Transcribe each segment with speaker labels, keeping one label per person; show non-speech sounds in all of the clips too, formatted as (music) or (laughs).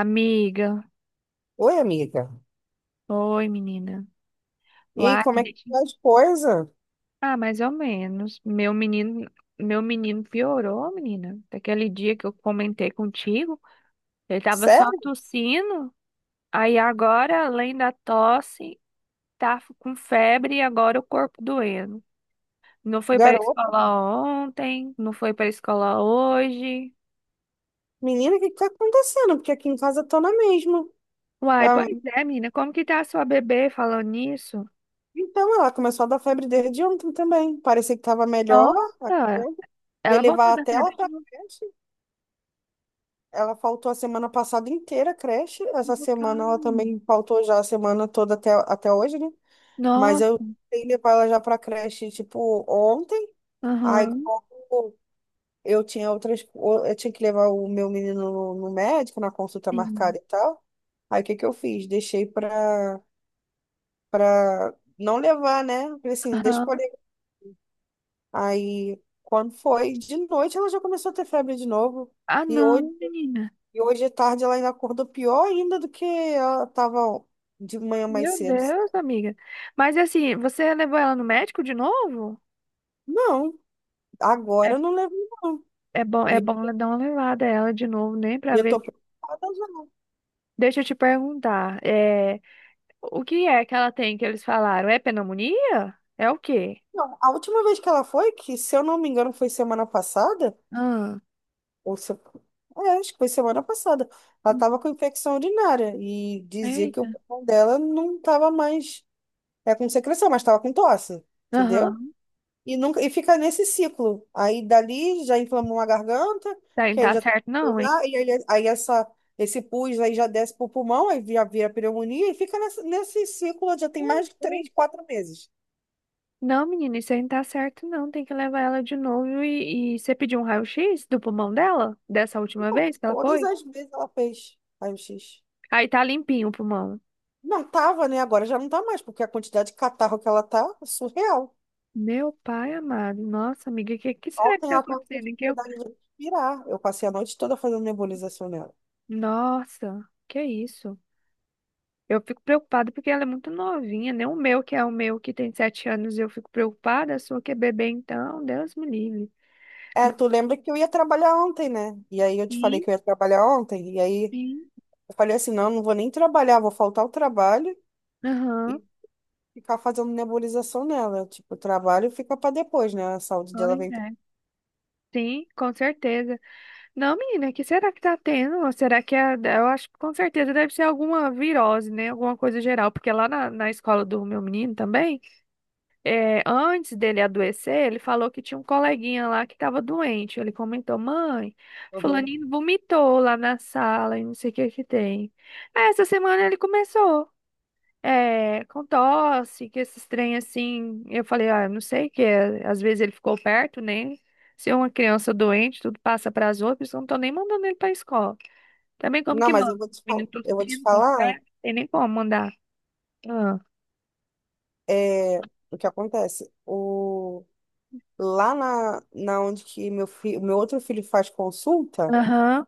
Speaker 1: Amiga,
Speaker 2: Oi, amiga.
Speaker 1: oi menina.
Speaker 2: E aí,
Speaker 1: Uai, me
Speaker 2: como é que
Speaker 1: deixa.
Speaker 2: tá as coisas?
Speaker 1: Ah, mais ou menos. Meu menino piorou, menina. Daquele dia que eu comentei contigo, ele tava só
Speaker 2: Sério?
Speaker 1: tossindo. Aí agora, além da tosse, tá com febre e agora o corpo doendo. Não foi pra
Speaker 2: Garota?
Speaker 1: escola ontem, não foi pra escola hoje.
Speaker 2: Menina, o que que tá acontecendo? Porque aqui em casa tô na mesma.
Speaker 1: Uai,
Speaker 2: Ah,
Speaker 1: pois é, menina. Como que tá a sua bebê falando nisso?
Speaker 2: então, ela começou a dar febre desde ontem também. Parecia que tava melhor. A
Speaker 1: Nossa,
Speaker 2: febre. Ia
Speaker 1: ela voltou
Speaker 2: levar
Speaker 1: da
Speaker 2: até ela
Speaker 1: febre de
Speaker 2: pra
Speaker 1: novo.
Speaker 2: creche. Ela faltou a semana passada inteira a creche. Essa
Speaker 1: Cara.
Speaker 2: semana ela também faltou já a semana toda até hoje, né? Mas eu tentei levar ela já pra creche, tipo, ontem. Aí,
Speaker 1: Aham,
Speaker 2: como eu tinha eu tinha que levar o meu menino no médico, na consulta
Speaker 1: sim.
Speaker 2: marcada e tal. Aí o que que eu fiz? Deixei pra não levar, né? Falei assim, deixa
Speaker 1: Aham.
Speaker 2: por aí. Aí quando foi de noite, ela já começou a ter febre de novo.
Speaker 1: Ah,
Speaker 2: E
Speaker 1: não,
Speaker 2: hoje,
Speaker 1: menina.
Speaker 2: e hoje à tarde ela ainda acordou pior ainda do que ela tava de manhã mais
Speaker 1: Meu
Speaker 2: cedo.
Speaker 1: Deus, amiga. Mas assim, você levou ela no médico de novo?
Speaker 2: Não, agora
Speaker 1: É,
Speaker 2: eu não levo, não.
Speaker 1: é
Speaker 2: E,
Speaker 1: bom dar uma levada a ela de novo, né?
Speaker 2: e
Speaker 1: Pra
Speaker 2: eu
Speaker 1: ver.
Speaker 2: tô preocupada já.
Speaker 1: Deixa eu te perguntar. É, o que é que ela tem que eles falaram? É pneumonia? É o quê?
Speaker 2: Não, a última vez que ela foi, que se eu não me engano foi semana passada,
Speaker 1: Ah.
Speaker 2: Ou se- é, acho que foi semana passada. Ela estava
Speaker 1: Hum.
Speaker 2: com infecção urinária e dizia que o
Speaker 1: Eita.
Speaker 2: pulmão dela não estava mais. É com secreção, mas estava com tosse, entendeu?
Speaker 1: Aham.
Speaker 2: E, nunca, e fica nesse ciclo. Aí dali já inflamou uma garganta,
Speaker 1: Tá, não
Speaker 2: que aí
Speaker 1: tá
Speaker 2: já tem que
Speaker 1: certo não, hein?
Speaker 2: cuidar, e aí, esse pus aí já desce pro pulmão, aí vira pneumonia e fica nesse ciclo já tem mais
Speaker 1: Meu
Speaker 2: de três,
Speaker 1: Deus.
Speaker 2: quatro meses.
Speaker 1: Não, menina, isso aí não tá certo não. Tem que levar ela de novo e você pediu um raio-x do pulmão dela? Dessa última vez que ela
Speaker 2: Todas
Speaker 1: foi?
Speaker 2: as vezes ela fez raio-x.
Speaker 1: Aí tá limpinho o pulmão.
Speaker 2: Não tava, né? Agora já não tá mais, porque a quantidade de catarro que ela tá é surreal.
Speaker 1: Meu pai amado. Nossa, amiga, o que será que
Speaker 2: Ontem
Speaker 1: tá
Speaker 2: ela estava com
Speaker 1: acontecendo?
Speaker 2: dificuldade de respirar. Eu passei a noite toda fazendo nebulização nela.
Speaker 1: Nossa, que isso? Eu fico preocupada porque ela é muito novinha, nem o meu, que é o meu que tem 7 anos, eu fico preocupada. A sua que é bebê, então, Deus me livre.
Speaker 2: É,
Speaker 1: Não.
Speaker 2: tu lembra que eu ia trabalhar ontem, né? E aí eu te falei
Speaker 1: Sim,
Speaker 2: que eu ia trabalhar ontem. E aí
Speaker 1: sim.
Speaker 2: eu falei assim, não, não vou nem trabalhar, vou faltar o trabalho
Speaker 1: Aham.
Speaker 2: e ficar fazendo nebulização nela. Tipo, o trabalho fica para depois, né? A saúde dela
Speaker 1: Pois
Speaker 2: vem.
Speaker 1: é. Sim, com certeza. Não, menina, que será que tá tendo? Ou será que é, eu acho que com certeza deve ser alguma virose, né? Alguma coisa geral, porque lá na escola do meu menino também. É, antes dele adoecer, ele falou que tinha um coleguinha lá que estava doente. Ele comentou, mãe, fulaninho vomitou lá na sala e não sei o que que tem. Essa semana ele começou, é, com tosse, que esses trem assim. Eu falei, ah, eu não sei o que é. Às vezes ele ficou perto, né? Se é uma criança doente, tudo passa para as outras, eu não tô nem mandando ele para escola. Também como
Speaker 2: Não,
Speaker 1: que
Speaker 2: mas eu
Speaker 1: manda?
Speaker 2: vou te falar,
Speaker 1: Menino
Speaker 2: eu vou te
Speaker 1: tossindo, com
Speaker 2: falar
Speaker 1: febre, não tem nem como mandar. Ah.
Speaker 2: é, o que acontece. Lá na onde que meu outro filho faz consulta.
Speaker 1: Aham,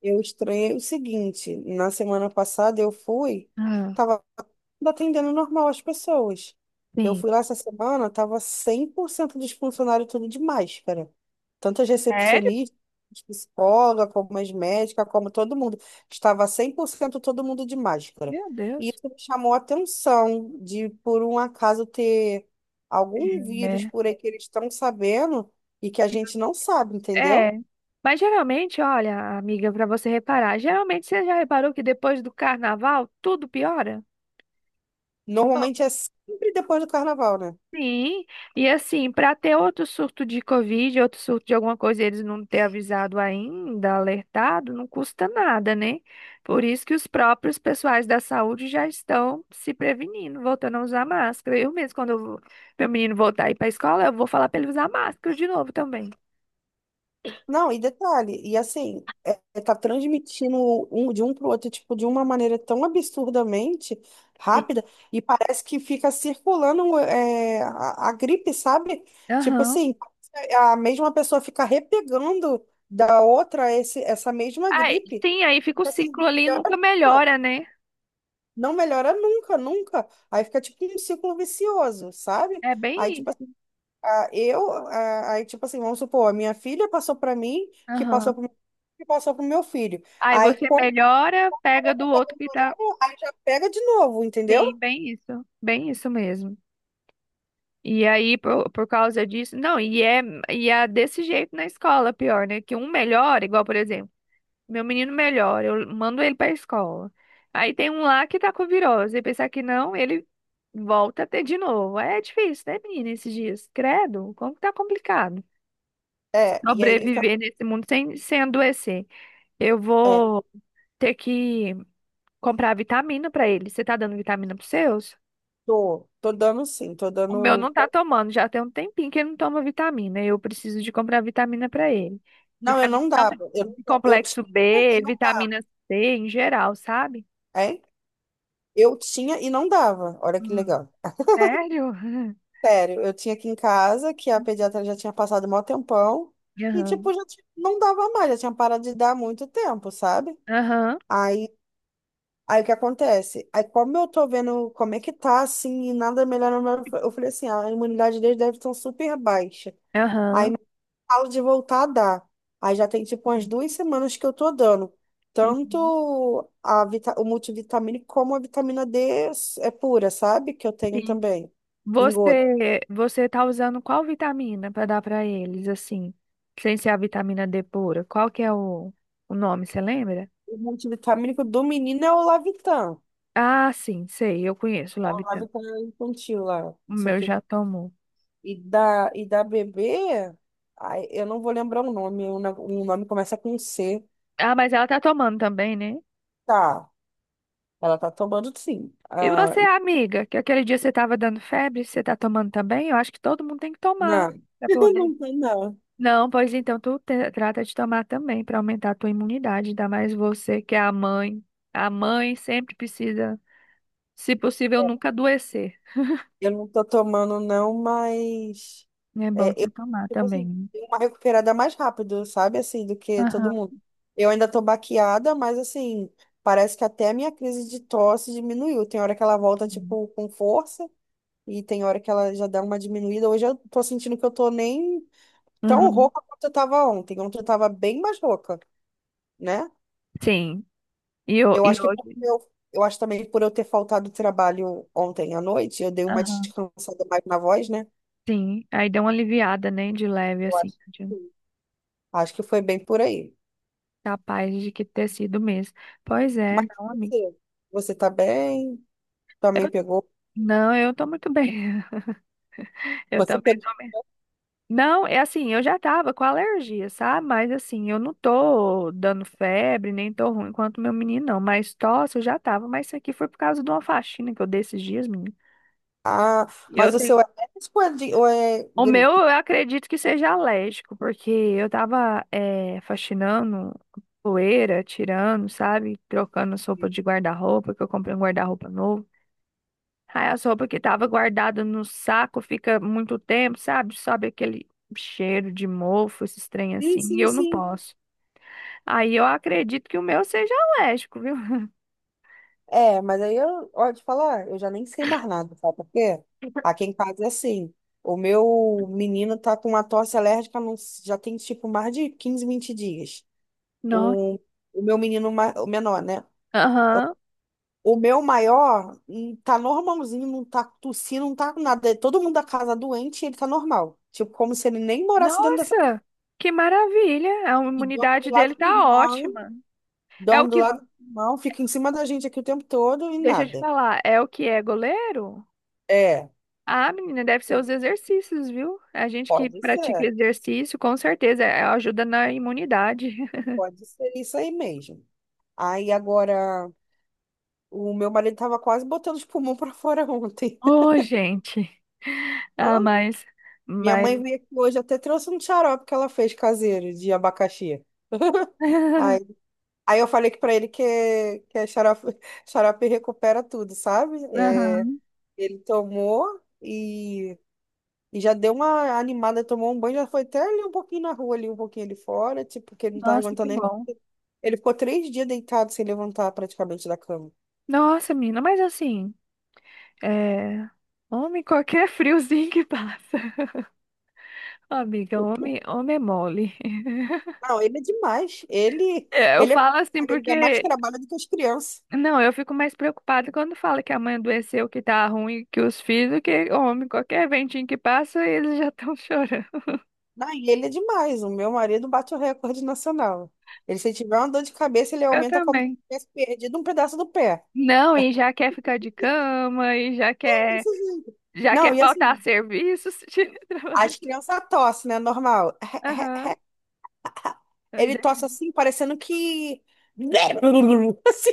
Speaker 2: Eu estranhei o seguinte, na semana passada eu fui,
Speaker 1: ah,
Speaker 2: tava atendendo normal as pessoas. Eu
Speaker 1: sim.
Speaker 2: fui lá essa semana, tava 100% dos funcionários tudo de máscara. Tanto as
Speaker 1: Sério?
Speaker 2: recepcionistas, psicóloga, como as médicas, como todo mundo. Estava 100% todo mundo de máscara.
Speaker 1: Meu
Speaker 2: E
Speaker 1: Deus.
Speaker 2: isso me chamou a atenção de, por um acaso, ter algum vírus
Speaker 1: É,
Speaker 2: por aí que eles estão sabendo e que a gente não sabe,
Speaker 1: é.
Speaker 2: entendeu?
Speaker 1: Mas geralmente, olha, amiga, para você reparar, geralmente você já reparou que depois do carnaval tudo piora? Ó.
Speaker 2: Normalmente é sempre depois do carnaval, né?
Speaker 1: Sim, e assim, para ter outro surto de Covid, outro surto de alguma coisa, eles não ter avisado ainda, alertado, não custa nada, né? Por isso que os próprios pessoais da saúde já estão se prevenindo, voltando a usar máscara. Eu mesmo, quando eu, meu menino voltar a ir para a escola, eu vou falar para ele usar máscara de novo também.
Speaker 2: Não, e detalhe, e assim, é, é tá transmitindo um, de um pro outro, tipo, de uma maneira tão absurdamente
Speaker 1: tem-
Speaker 2: rápida, e parece que fica circulando é, a gripe, sabe? Tipo
Speaker 1: Aham.
Speaker 2: assim, a mesma pessoa fica repegando da outra essa mesma
Speaker 1: Aí,
Speaker 2: gripe.
Speaker 1: sim, aí fica o
Speaker 2: Fica
Speaker 1: ciclo
Speaker 2: assim,
Speaker 1: ali e
Speaker 2: piora
Speaker 1: nunca melhora,
Speaker 2: nunca.
Speaker 1: né?
Speaker 2: Não melhora nunca, nunca. Aí fica tipo um ciclo vicioso, sabe?
Speaker 1: É
Speaker 2: Aí,
Speaker 1: bem
Speaker 2: tipo
Speaker 1: isso.
Speaker 2: ah, eu, ah, aí, tipo assim, vamos supor, a minha filha passou para mim,
Speaker 1: Aham.
Speaker 2: que passou pro meu filho.
Speaker 1: Aí
Speaker 2: Aí,
Speaker 1: você
Speaker 2: quando
Speaker 1: melhora, pega do outro que tá.
Speaker 2: aí já pega de novo,
Speaker 1: Sim,
Speaker 2: entendeu?
Speaker 1: bem isso. Bem isso mesmo. E aí, por causa disso. Não, e é desse jeito na escola, pior, né? Que um melhora, igual, por exemplo, meu menino melhora, eu mando ele pra escola. Aí tem um lá que tá com virose. E pensar que não, ele volta a ter de novo. É difícil, né, menina, esses dias? Credo, como que tá complicado.
Speaker 2: É, e aí,
Speaker 1: Sobreviver nesse mundo sem, sem adoecer. Eu
Speaker 2: é,
Speaker 1: vou ter que comprar vitamina pra ele. Você tá dando vitamina pros seus?
Speaker 2: tô dando sim, tô
Speaker 1: O meu
Speaker 2: dando.
Speaker 1: não tá tomando, já tem um tempinho que ele não toma vitamina. Eu preciso de comprar vitamina pra ele.
Speaker 2: Não, eu
Speaker 1: Vitamina
Speaker 2: não
Speaker 1: tanto
Speaker 2: dava.
Speaker 1: de
Speaker 2: Eu
Speaker 1: complexo
Speaker 2: tinha e
Speaker 1: B,
Speaker 2: não dava,
Speaker 1: vitamina C em geral, sabe?
Speaker 2: hein? Eu tinha e não dava. Olha que
Speaker 1: Hum.
Speaker 2: legal.
Speaker 1: Sério?
Speaker 2: Sério, eu tinha aqui em casa, que a
Speaker 1: (laughs)
Speaker 2: pediatra já tinha passado mó tempão, e,
Speaker 1: Aham,
Speaker 2: tipo, não dava mais, já tinha parado de dar há muito tempo, sabe?
Speaker 1: aham,
Speaker 2: Aí o que acontece? Aí como eu tô vendo como é que tá, assim, e nada melhora, eu falei assim, "Ah, a imunidade deles deve estar super baixa."
Speaker 1: aham.
Speaker 2: Falo de voltar a dar. Aí já tem tipo umas 2 semanas que eu tô dando.
Speaker 1: Uhum.
Speaker 2: Tanto a o multivitamínico como a vitamina D é pura, sabe? Que eu tenho
Speaker 1: Sim.
Speaker 2: também, em gota.
Speaker 1: Você tá usando qual vitamina para dar para eles, assim, sem ser a vitamina D pura? Qual que é o nome, você lembra?
Speaker 2: O multivitamínico do menino é o Lavitan.
Speaker 1: Ah, sim, sei, eu conheço
Speaker 2: É
Speaker 1: lá, a
Speaker 2: o
Speaker 1: vitamina.
Speaker 2: Lavitan infantil lá,
Speaker 1: O
Speaker 2: não sei o
Speaker 1: meu
Speaker 2: que.
Speaker 1: já tomou.
Speaker 2: E da bebê, ai, eu não vou lembrar o nome, o nome começa com C.
Speaker 1: Ah, mas ela tá tomando também, né?
Speaker 2: Tá, ela tá tomando sim.
Speaker 1: E
Speaker 2: Ah,
Speaker 1: você, amiga, que aquele dia você tava dando febre, você tá tomando também? Eu acho que todo mundo tem que tomar
Speaker 2: não,
Speaker 1: para
Speaker 2: (laughs)
Speaker 1: poder.
Speaker 2: não tá não.
Speaker 1: Não, pois então tu trata de tomar também para aumentar a tua imunidade, ainda mais você que é a mãe. A mãe sempre precisa, se possível, nunca adoecer.
Speaker 2: Eu não tô tomando não, mas
Speaker 1: É bom
Speaker 2: é, eu,
Speaker 1: você tomar
Speaker 2: tipo assim,
Speaker 1: também.
Speaker 2: dei uma recuperada mais rápido, sabe? Assim, do que todo
Speaker 1: Aham.
Speaker 2: mundo. Eu ainda tô baqueada, mas assim, parece que até a minha crise de tosse diminuiu. Tem hora que ela volta,
Speaker 1: Uhum.
Speaker 2: tipo, com força. E tem hora que ela já dá uma diminuída. Hoje eu tô sentindo que eu tô nem tão
Speaker 1: Uhum.
Speaker 2: rouca quanto eu tava ontem. Ontem eu tava bem mais rouca, né?
Speaker 1: Sim. E,
Speaker 2: Eu
Speaker 1: e
Speaker 2: acho que porque
Speaker 1: hoje,
Speaker 2: eu acho também que por eu ter faltado trabalho ontem à noite, eu dei uma
Speaker 1: aham,
Speaker 2: descansada mais na voz, né?
Speaker 1: sim. Aí deu uma aliviada, né? De leve,
Speaker 2: Eu
Speaker 1: assim.
Speaker 2: acho que sim. Acho que foi bem por aí.
Speaker 1: Capaz de que ter sido mesmo. Pois é,
Speaker 2: Mas
Speaker 1: não, amiga.
Speaker 2: você tá bem? Também pegou?
Speaker 1: Não, eu tô muito bem. (laughs) Eu
Speaker 2: Você
Speaker 1: também
Speaker 2: pegou?
Speaker 1: tô. Não, é assim, eu já tava com alergia, sabe? Mas assim, eu não tô dando febre, nem tô ruim quanto meu menino, não. Mas tosse eu já tava. Mas isso aqui foi por causa de uma faxina que eu dei esses dias, menino.
Speaker 2: Ah,
Speaker 1: Eu
Speaker 2: mas o seu é médico ou ou é
Speaker 1: O meu, eu
Speaker 2: gripe?
Speaker 1: acredito que seja alérgico, porque eu tava faxinando poeira, tirando, sabe? Trocando as roupas de guarda-roupa, que eu comprei um guarda-roupa novo. Aí as roupas que tava guardada no saco fica muito tempo, sabe? Sobe aquele cheiro de mofo, esses trem
Speaker 2: Sim,
Speaker 1: assim, e
Speaker 2: sim,
Speaker 1: eu não
Speaker 2: sim.
Speaker 1: posso. Aí eu acredito que o meu seja alérgico, viu? (laughs)
Speaker 2: É, mas aí eu, ó, te falar, eu já nem sei mais nada, sabe por quê? Aqui em casa é assim, o meu menino tá com uma tosse alérgica não s- já tem tipo mais de 15, 20 dias.
Speaker 1: Nossa.
Speaker 2: O, o meu menino, o menor, né?
Speaker 1: Aham.
Speaker 2: O meu maior tá normalzinho, não tá tossindo, não tá com nada. É todo mundo da casa doente e ele tá normal. Tipo, como se ele nem morasse dentro dessa...
Speaker 1: Nossa, que maravilha! A
Speaker 2: E dorme do
Speaker 1: imunidade
Speaker 2: lado
Speaker 1: dele
Speaker 2: do
Speaker 1: tá
Speaker 2: irmão,
Speaker 1: ótima. É o
Speaker 2: dorme do
Speaker 1: que
Speaker 2: lado do irmão, fica em cima da gente aqui o tempo todo e
Speaker 1: Deixa eu te
Speaker 2: nada.
Speaker 1: falar, é o que é goleiro?
Speaker 2: É,
Speaker 1: Ah, menina, deve ser
Speaker 2: sim.
Speaker 1: os exercícios, viu? A gente que
Speaker 2: Pode
Speaker 1: pratica
Speaker 2: ser.
Speaker 1: exercício, com certeza, ajuda na imunidade. (laughs)
Speaker 2: Pode ser isso aí mesmo. Aí agora, o meu marido tava quase botando os pulmões pra fora ontem. (laughs)
Speaker 1: Oh, gente.
Speaker 2: Ó,
Speaker 1: Ah, mas,
Speaker 2: minha
Speaker 1: mas.
Speaker 2: mãe veio aqui hoje, até trouxe um xarope que ela fez caseiro de abacaxi. (laughs) Aí,
Speaker 1: (laughs)
Speaker 2: aí eu falei que pra ele que é xarope, (laughs) xarope recupera tudo, sabe? É,
Speaker 1: Aham.
Speaker 2: ele tomou e, e já deu uma animada, tomou um banho, já foi até ali um pouquinho na rua, ali um pouquinho ali fora, tipo, porque ele não tava
Speaker 1: Nossa, que
Speaker 2: aguentando nem.
Speaker 1: bom.
Speaker 2: Ele ficou 3 dias deitado sem levantar praticamente da cama.
Speaker 1: Nossa, menina, mas assim, é... homem, qualquer (laughs) friozinho que passa. (laughs) Ó, amiga, homem, homem é mole. (laughs)
Speaker 2: Não, ele é demais.
Speaker 1: É, eu
Speaker 2: Ele, é,
Speaker 1: falo assim
Speaker 2: ele dá mais
Speaker 1: porque...
Speaker 2: trabalho do que as crianças.
Speaker 1: Não, eu fico mais preocupada quando fala que a mãe adoeceu, que tá ruim, que os filhos, que homem, qualquer ventinho que passa, eles já estão (laughs) chorando.
Speaker 2: Não, e ele é demais. O meu marido bate o recorde nacional. Ele, se tiver uma dor de cabeça, ele
Speaker 1: Eu
Speaker 2: aumenta como se
Speaker 1: também.
Speaker 2: tivesse perdido um pedaço do pé.
Speaker 1: Não, e já quer ficar de cama, e
Speaker 2: Desse jeito.
Speaker 1: já
Speaker 2: Não,
Speaker 1: quer
Speaker 2: e
Speaker 1: faltar
Speaker 2: assim,
Speaker 1: serviços (laughs) de trabalho.
Speaker 2: as crianças tossem, né? Normal.
Speaker 1: Aham.
Speaker 2: (laughs) Ele tosse
Speaker 1: desse-
Speaker 2: assim, parecendo que. (laughs) Assim,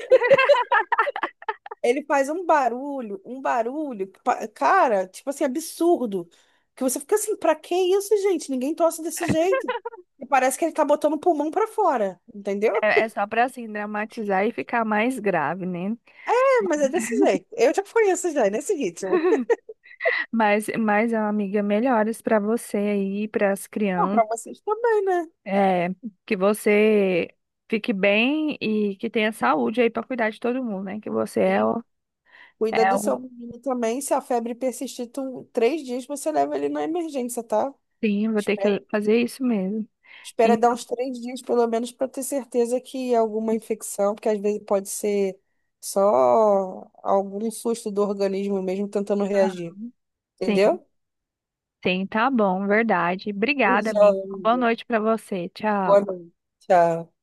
Speaker 2: ele faz um barulho, cara, tipo assim, absurdo. Que você fica assim, pra que isso, gente? Ninguém tosse desse jeito. E parece que ele tá botando o pulmão pra fora, entendeu?
Speaker 1: É, é só pra assim dramatizar e ficar mais grave, né?
Speaker 2: É, mas é desse jeito. Eu já conheço já, é nesse ritmo.
Speaker 1: Mas amiga, melhoras pra você aí, para as
Speaker 2: Bom, pra
Speaker 1: crianças.
Speaker 2: vocês também, né?
Speaker 1: É, que você fique bem e que tenha saúde aí para cuidar de todo mundo, né? Que você é
Speaker 2: E
Speaker 1: o,
Speaker 2: cuida
Speaker 1: é
Speaker 2: do seu
Speaker 1: o...
Speaker 2: menino também. Se a febre persistir 3 dias, você leva ele na emergência, tá?
Speaker 1: Sim, vou ter que fazer isso mesmo.
Speaker 2: Espera dar
Speaker 1: Então,
Speaker 2: uns 3 dias, pelo menos, para ter certeza que alguma infecção, porque às vezes pode ser só algum susto do organismo mesmo tentando
Speaker 1: tá.
Speaker 2: reagir.
Speaker 1: Sim,
Speaker 2: Entendeu?
Speaker 1: sim, tá bom, verdade. Obrigada,
Speaker 2: Beijão,
Speaker 1: amigo. Boa
Speaker 2: amiga.
Speaker 1: noite para você.
Speaker 2: Boa
Speaker 1: Tchau.
Speaker 2: noite. Tchau.